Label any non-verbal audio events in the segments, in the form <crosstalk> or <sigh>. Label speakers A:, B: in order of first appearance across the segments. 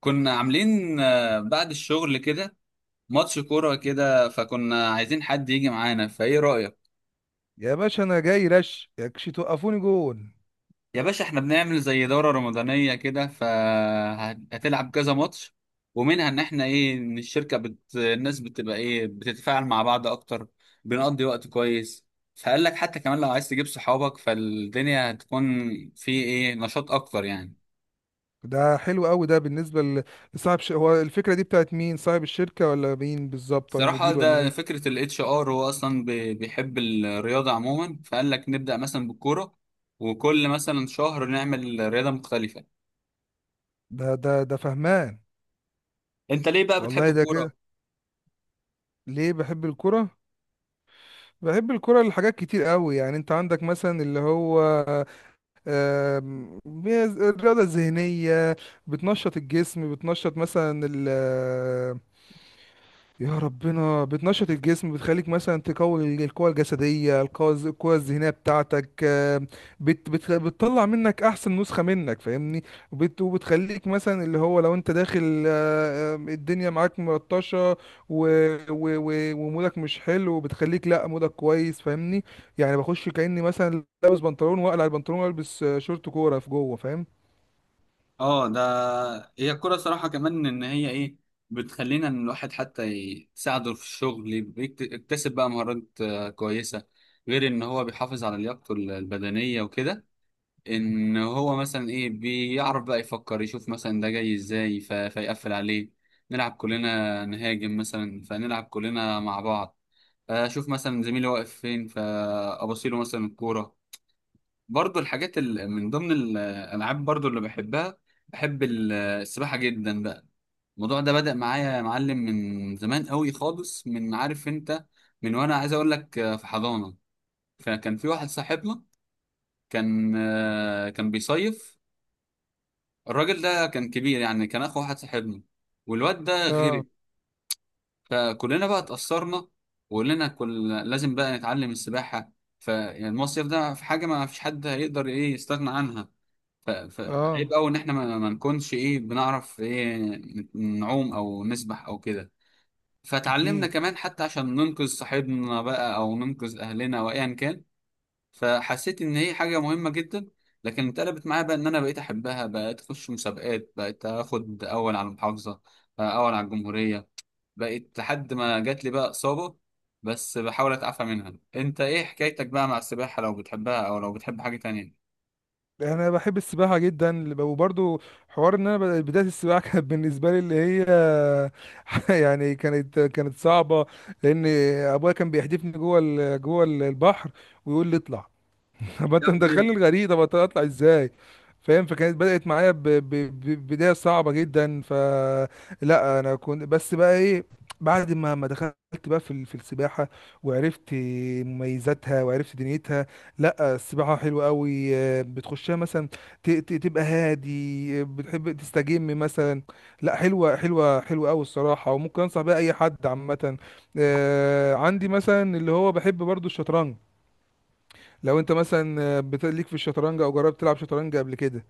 A: كنا عاملين بعد الشغل كده ماتش كورة كده، فكنا عايزين حد يجي معانا، فايه رأيك؟
B: يا باشا انا جاي رش يكش توقفوني جون.
A: يا باشا احنا بنعمل زي دورة رمضانية كده، فهتلعب كذا ماتش. ومنها ان احنا ايه، ان الناس بتبقى ايه، بتتفاعل مع بعض اكتر، بنقضي وقت كويس. فقال لك حتى كمان لو عايز تجيب صحابك، فالدنيا هتكون في ايه، نشاط اكتر يعني.
B: ده حلو قوي. ده بالنسبه هو الفكره دي بتاعت مين؟ صاحب الشركه ولا مين بالظبط ولا
A: صراحة
B: مدير ولا
A: ده
B: مين؟
A: فكرة ال HR، هو أصلا بيحب الرياضة عموما، فقال لك نبدأ مثلا بالكورة، وكل مثلا شهر نعمل رياضة مختلفة.
B: ده فهمان.
A: أنت ليه بقى بتحب
B: والله ده
A: الكورة؟
B: كده. ليه بحب الكرة؟ بحب الكرة لحاجات كتير قوي. يعني انت عندك مثلا اللي هو الرياضة الذهنية، بتنشط الجسم، بتنشط مثلا، يا ربنا، بتنشط الجسم، بتخليك مثلا تقوي القوة الجسدية، القوة القوة الذهنية بتاعتك، بت بت بتطلع منك أحسن نسخة منك، فاهمني؟ وبتخليك مثلا اللي هو لو أنت داخل، الدنيا معاك ملطشة و- و- و- ومودك مش حلو، بتخليك لأ، مودك كويس، فاهمني؟ يعني بخش كأني مثلا لابس بنطلون، وأقلع البنطلون، وألبس شورت كورة في جوه، فاهم؟
A: اه ده، هي الكورة صراحة كمان إن هي إيه، بتخلينا إن الواحد حتى تساعده في الشغل، يكتسب بقى مهارات كويسة، غير إن هو بيحافظ على لياقته البدنية وكده. ان هو مثلا ايه، بيعرف بقى يفكر، يشوف مثلا ده جاي ازاي فيقفل عليه. نلعب كلنا نهاجم مثلا، فنلعب كلنا مع بعض، اشوف مثلا زميلي واقف فين فابصيله مثلا الكوره. برضو الحاجات من ضمن الالعاب برضو اللي بحبها، بحب السباحه جدا بقى. الموضوع ده بدأ معايا يا معلم من زمان قوي خالص، من عارف انت، من وانا عايز اقول لك في حضانة. فكان في واحد صاحبنا كان بيصيف، الراجل ده كان كبير يعني، كان اخو واحد صاحبنا، والواد ده غرق.
B: اه.
A: فكلنا بقى اتأثرنا، وقلنا كل لازم بقى نتعلم السباحة. فالمصيف ده في حاجة ما فيش حد هيقدر ايه يستغنى عنها، فعيب
B: اه،
A: قوي ان احنا ما نكونش ايه، بنعرف ايه، نعوم او نسبح او كده. فتعلمنا
B: أكيد.
A: كمان حتى عشان ننقذ صاحبنا بقى، او ننقذ اهلنا وايا كان. فحسيت ان هي حاجه مهمه جدا. لكن اتقلبت معايا بقى، ان انا بقيت احبها، بقيت اخش مسابقات، بقيت اخد اول على المحافظه، اول على الجمهوريه، بقيت لحد ما جات لي بقى اصابه. بس بحاول اتعافى منها. انت ايه حكايتك بقى مع السباحه، لو بتحبها او لو بتحب حاجه تانية؟
B: يعني انا بحب السباحه جدا، وبرضو حوار ان انا بدايه السباحه <laughs> كانت بالنسبه لي اللي هي <laughs> يعني كانت صعبه، لان ابويا كان بيحدفني جوه جوه البحر، ويقول لي اطلع. <laughs> طب
A: يا
B: انت مدخلني
A: ابني.
B: الغريق، طب اطلع ازاي؟ فاهم؟ فكانت بدأت معايا بداية صعبة جدا. ف، لا انا كنت بس بقى ايه، بعد ما دخلت بقى في في السباحة، وعرفت مميزاتها، وعرفت دنيتها. لا السباحة حلوة قوي. بتخشها مثلا، تبقى هادي، بتحب تستجم مثلا. لا حلوة حلوة قوي الصراحة، وممكن انصح بيها اي حد عامة. عندي مثلا اللي هو بحب برضو الشطرنج. لو انت مثلا ليك في الشطرنج، او جربت تلعب شطرنج قبل كده.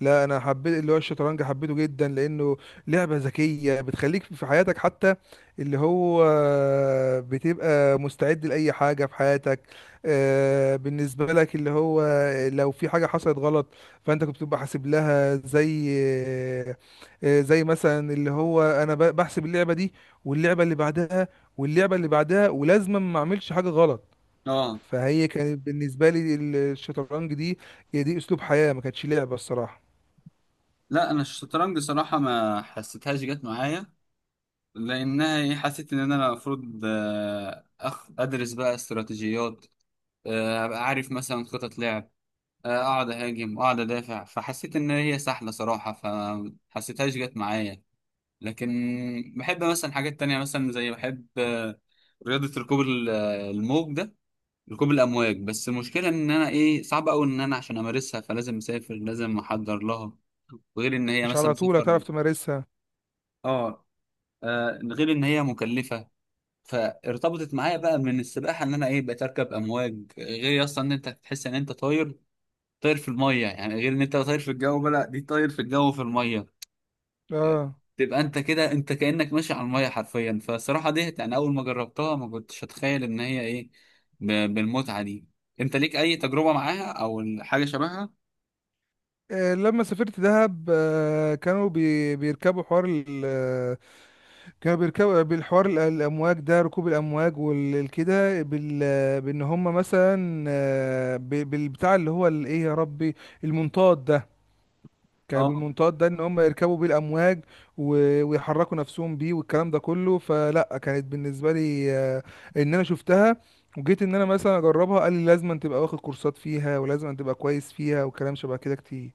B: لا انا حبيت اللي هو الشطرنج، حبيته جدا، لانه لعبة ذكية، بتخليك في حياتك حتى اللي هو بتبقى مستعد لأي حاجة في حياتك. بالنسبة لك اللي هو لو في حاجة حصلت غلط، فانت كنت بتبقى حاسب لها، زي زي مثلا اللي هو انا بحسب اللعبة دي، واللعبة اللي بعدها، واللعبة اللي بعدها، ولازم ما اعملش حاجة غلط.
A: اه.
B: فهي كانت بالنسبة لي الشطرنج دي، هي دي أسلوب حياة، ما كانتش لعبة الصراحة.
A: لا انا الشطرنج صراحه ما حسيتهاش جت معايا، لانها إيه، حسيت ان انا المفروض ادرس بقى استراتيجيات، ابقى عارف مثلا خطط لعب، اقعد اهاجم واقعد ادافع، فحسيت ان هي سهله صراحه، فحسيتهاش جت معايا. لكن بحب مثلا حاجات تانية، مثلا زي بحب رياضه ركوب الموج ده، ركوب الامواج. بس المشكله ان انا ايه، صعب قوي ان انا عشان امارسها فلازم اسافر، لازم احضر لها، وغير ان هي
B: مش
A: مثلا
B: على طول
A: سفر.
B: هتعرف تمارسها.
A: اه. غير ان هي مكلفه. فارتبطت معايا بقى من السباحه، ان انا ايه، بقيت اركب امواج. غير اصلا ان انت تحس ان انت طاير، طاير في الميه يعني، غير ان انت طاير في الجو بقى، لا دي طاير في الجو في الميه،
B: اه.
A: تبقى انت كده انت كانك ماشي على الميه حرفيا. فالصراحه دي يعني اول ما جربتها ما كنتش اتخيل ان هي ايه، بالمتعه دي. انت ليك اي تجربه معاها او حاجه شبهها؟
B: لما سافرت دهب، كانوا بيركبوا حوار كانوا بيركبوا بالحوار الأمواج ده، ركوب الأمواج والكده، بال، بإن هم مثلا بالبتاع اللي هو الإيه، يا ربي، المنطاد ده، كان
A: اه
B: بالمنطاد ده ان هم يركبوا بيه الامواج، و- ويحركوا نفسهم بيه والكلام ده كله. فلا كانت بالنسبه لي، ان انا شفتها، وجيت ان انا مثلا اجربها، قال لي لازم أن تبقى واخد كورسات فيها، ولازم أن تبقى كويس فيها، وكلام شبه كده كتير.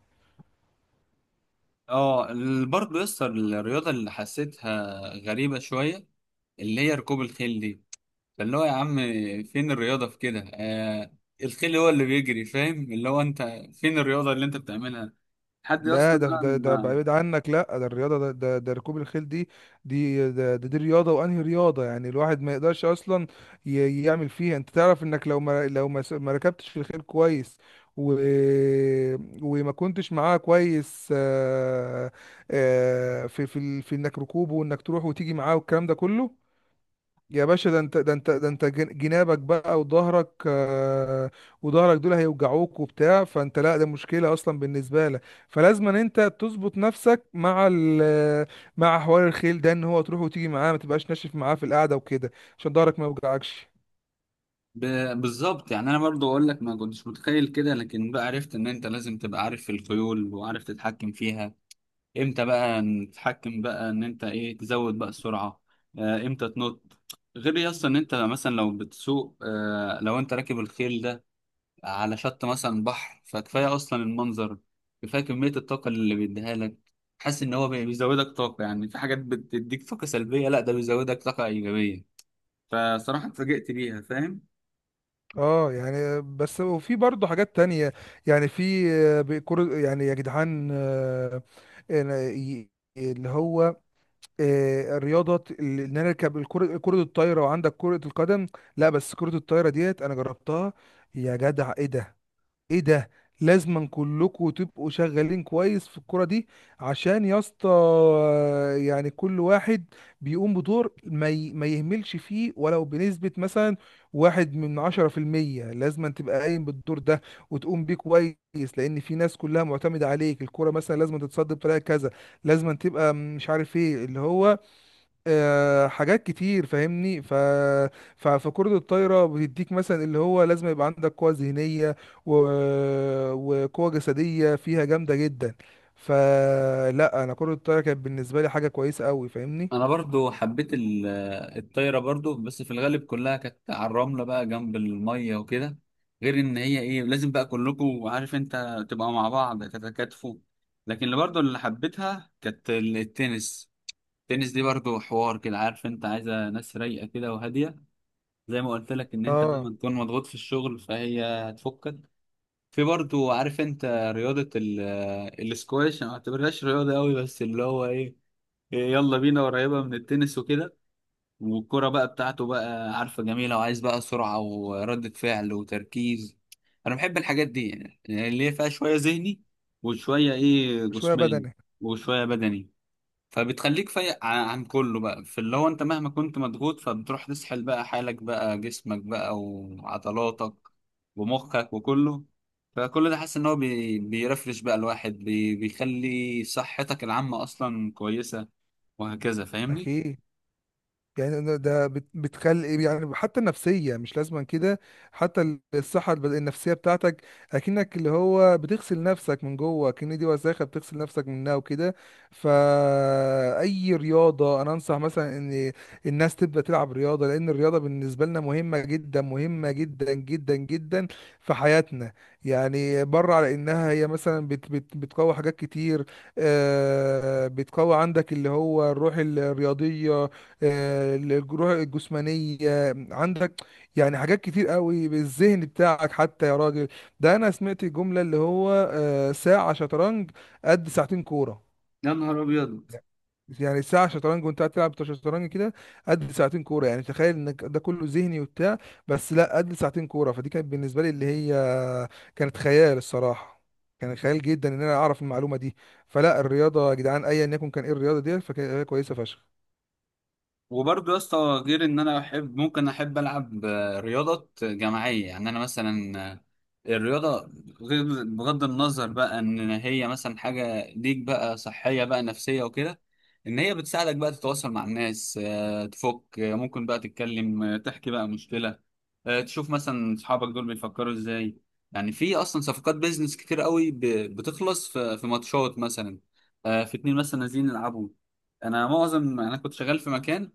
A: اه، برضه يسطا الرياضه اللي حسيتها غريبه شويه، اللي هي ركوب الخيل دي. فاللي هو يا عم، فين الرياضه في كده؟ الخيل هو اللي بيجري فاهم، اللي هو انت فين الرياضه اللي انت بتعملها؟ لحد يا اسطى.
B: لا ده ده
A: بقى،
B: بعيد عنك. لا ده الرياضه ده ركوب الخيل دي. دي ده, ده دي رياضه، وانهي رياضه يعني الواحد ما يقدرش اصلا يعمل فيها. انت تعرف انك لو ما ركبتش في الخيل كويس، و... وما كنتش معاه كويس، في في في انك ركوبه، وانك تروح وتيجي معاه، والكلام ده كله، يا باشا ده انت، ده انت جنابك بقى، وظهرك، وظهرك دول هيوجعوك وبتاع، فانت لا ده مشكلة اصلا بالنسبة لك. فلازم ان انت تظبط نفسك مع ال، مع حوار الخيل ده، ان هو تروح وتيجي معاه، ما تبقاش ناشف معاه في القعدة وكده، عشان ظهرك ما يوجعكش.
A: ب... بالظبط يعني انا برضو اقول لك ما كنتش متخيل كده، لكن بقى عرفت ان انت لازم تبقى عارف الخيول، وعارف تتحكم فيها امتى بقى، تتحكم بقى ان انت ايه، تزود بقى السرعة، امتى تنط. غير يا اسطى ان انت مثلا لو بتسوق، لو انت راكب الخيل ده على شط مثلا بحر، فكفاية اصلا المنظر، كفاية كمية الطاقة اللي بيديها لك. حاسس ان هو بيزودك طاقة، يعني في حاجات بتديك طاقة سلبية، لا ده بيزودك طاقة ايجابية. فصراحة اتفاجئت بيها فاهم.
B: اه. يعني بس، وفي برضه حاجات تانية. يعني في بيكور، يعني يا جدعان، إن- ي- اللي هو الرياضه ان انا اركب الكره، كره الطايره، وعندك كره القدم. لا بس كره الطايره ديت انا جربتها. يا جدع ايه ده! ايه ده! لازما كلكم تبقوا شغالين كويس في الكره دي، عشان يا اسطى، يعني كل واحد بيقوم بدور، ما يهملش فيه، ولو بنسبه مثلا واحد من 10%، لازما تبقى قايم بالدور ده، وتقوم بيه كويس. لان في ناس كلها معتمده عليك، الكره مثلا لازم تتصد بطريقه كذا، لازم تبقى مش عارف ايه اللي هو، حاجات كتير، فاهمني؟ فكرة الطايرة بتديك مثلا اللي هو لازم يبقى عندك قوة ذهنية، و... وقوة جسدية فيها جامدة جدا. فلا انا كرة الطايرة كانت بالنسبة لي حاجة كويسة قوي، فاهمني؟
A: انا برضو حبيت الطايره برضو، بس في الغالب كلها كانت على الرمله بقى جنب الميه وكده، غير ان هي ايه، لازم بقى كلكم عارف انت تبقى مع بعض تتكاتفوا. لكن اللي برضو اللي حبيتها كانت التنس. التنس دي برضو حوار كده، عارف انت عايزه ناس رايقه كده وهاديه، زي ما قلت لك ان انت
B: اه.
A: لما تكون مضغوط في الشغل فهي هتفكك. في برضو عارف انت، رياضه الاسكواش، انا ما اعتبرهاش رياضه قوي، بس اللي هو ايه، يلا بينا، قريبه من التنس وكده، والكرة بقى بتاعته بقى عارفة جميلة، وعايز بقى سرعة وردة فعل وتركيز. أنا بحب الحاجات دي يعني اللي هي فيها شوية ذهني، وشوية إيه،
B: شوية
A: جسماني
B: بدني.
A: وشوية بدني. فبتخليك فايق عن كله بقى، في اللي هو أنت مهما كنت مضغوط فبتروح تسحل بقى حالك بقى، جسمك بقى وعضلاتك ومخك وكله. فكل ده حاسس إن هو بيرفرش بقى الواحد، بيخلي صحتك العامة أصلا كويسة وهكذا، فاهمني؟
B: اكيد. يعني ده ده بتخلي يعني حتى النفسية مش لازما كده، حتى الصحة النفسية بتاعتك، أكنك اللي هو بتغسل نفسك من جوه، أكن دي وساخة بتغسل نفسك منها وكده. فأي رياضة أنا أنصح مثلا إن الناس تبدأ تلعب رياضة، لأن الرياضة بالنسبة لنا مهمة جدا، مهمة جدا جدا جدا في حياتنا. يعني بره على إنها هي مثلا بت بت بتقوي حاجات كتير، بتقوي عندك اللي هو الروح الرياضية، الجروح الجسمانية عندك. يعني حاجات كتير قوي بالذهن بتاعك حتى يا راجل. ده انا سمعت جملة اللي هو ساعة شطرنج قد ساعتين كورة.
A: يا نهار أبيض.
B: يعني ساعة شطرنج وانت قاعد تلعب شطرنج كده قد ساعتين كورة. يعني تخيل انك ده كله ذهني وبتاع، بس لا قد ساعتين كورة. فدي كانت بالنسبة لي اللي هي كانت خيال الصراحة. كان خيال جدا ان انا اعرف المعلومة دي. فلا الرياضة يا جدعان ايا يكن كان ايه الرياضة دي، فكانت كويسة فشخ.
A: وبرضه يا اسطى، غير ان انا احب، ممكن احب العب رياضات جماعيه، يعني انا مثلا الرياضه، غير بغض النظر بقى ان هي مثلا حاجه ليك بقى صحيه بقى نفسيه وكده، ان هي بتساعدك بقى تتواصل مع الناس، تفك، ممكن بقى تتكلم، تحكي بقى مشكله، تشوف مثلا اصحابك دول بيفكروا ازاي. يعني في اصلا صفقات بيزنس كتير قوي، بتخلص في ماتشات مثلا، في اتنين مثلا نازلين يلعبوا. انا كنت شغال في مكان،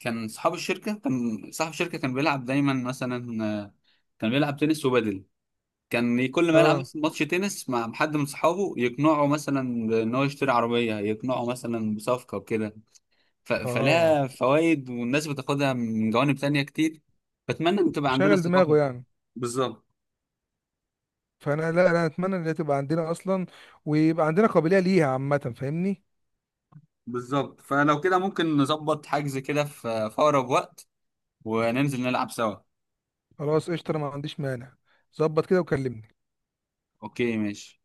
A: كان صاحب الشركة كان بيلعب دايما مثلا، كان بيلعب تنس وبادل. كان كل ما يلعب
B: اه.
A: مثلا ماتش تنس مع حد من صحابه، يقنعه مثلا بان هو يشتري عربية، يقنعه مثلا بصفقة وكده.
B: اه،
A: فلها فوائد، والناس بتاخدها من جوانب تانية كتير. بتمنى ان تبقى عندنا
B: شغل
A: الثقافة
B: دماغه
A: دي.
B: يعني.
A: بالظبط.
B: فانا لا انا اتمنى ان هي تبقى عندنا اصلا، ويبقى عندنا قابليه ليها عامه، فاهمني؟
A: بالظبط، فلو كده ممكن نظبط حجز كده في أقرب وقت، وننزل نلعب سوا.
B: خلاص قشطه، انا ما عنديش مانع. ظبط كده وكلمني.
A: اوكي ماشي.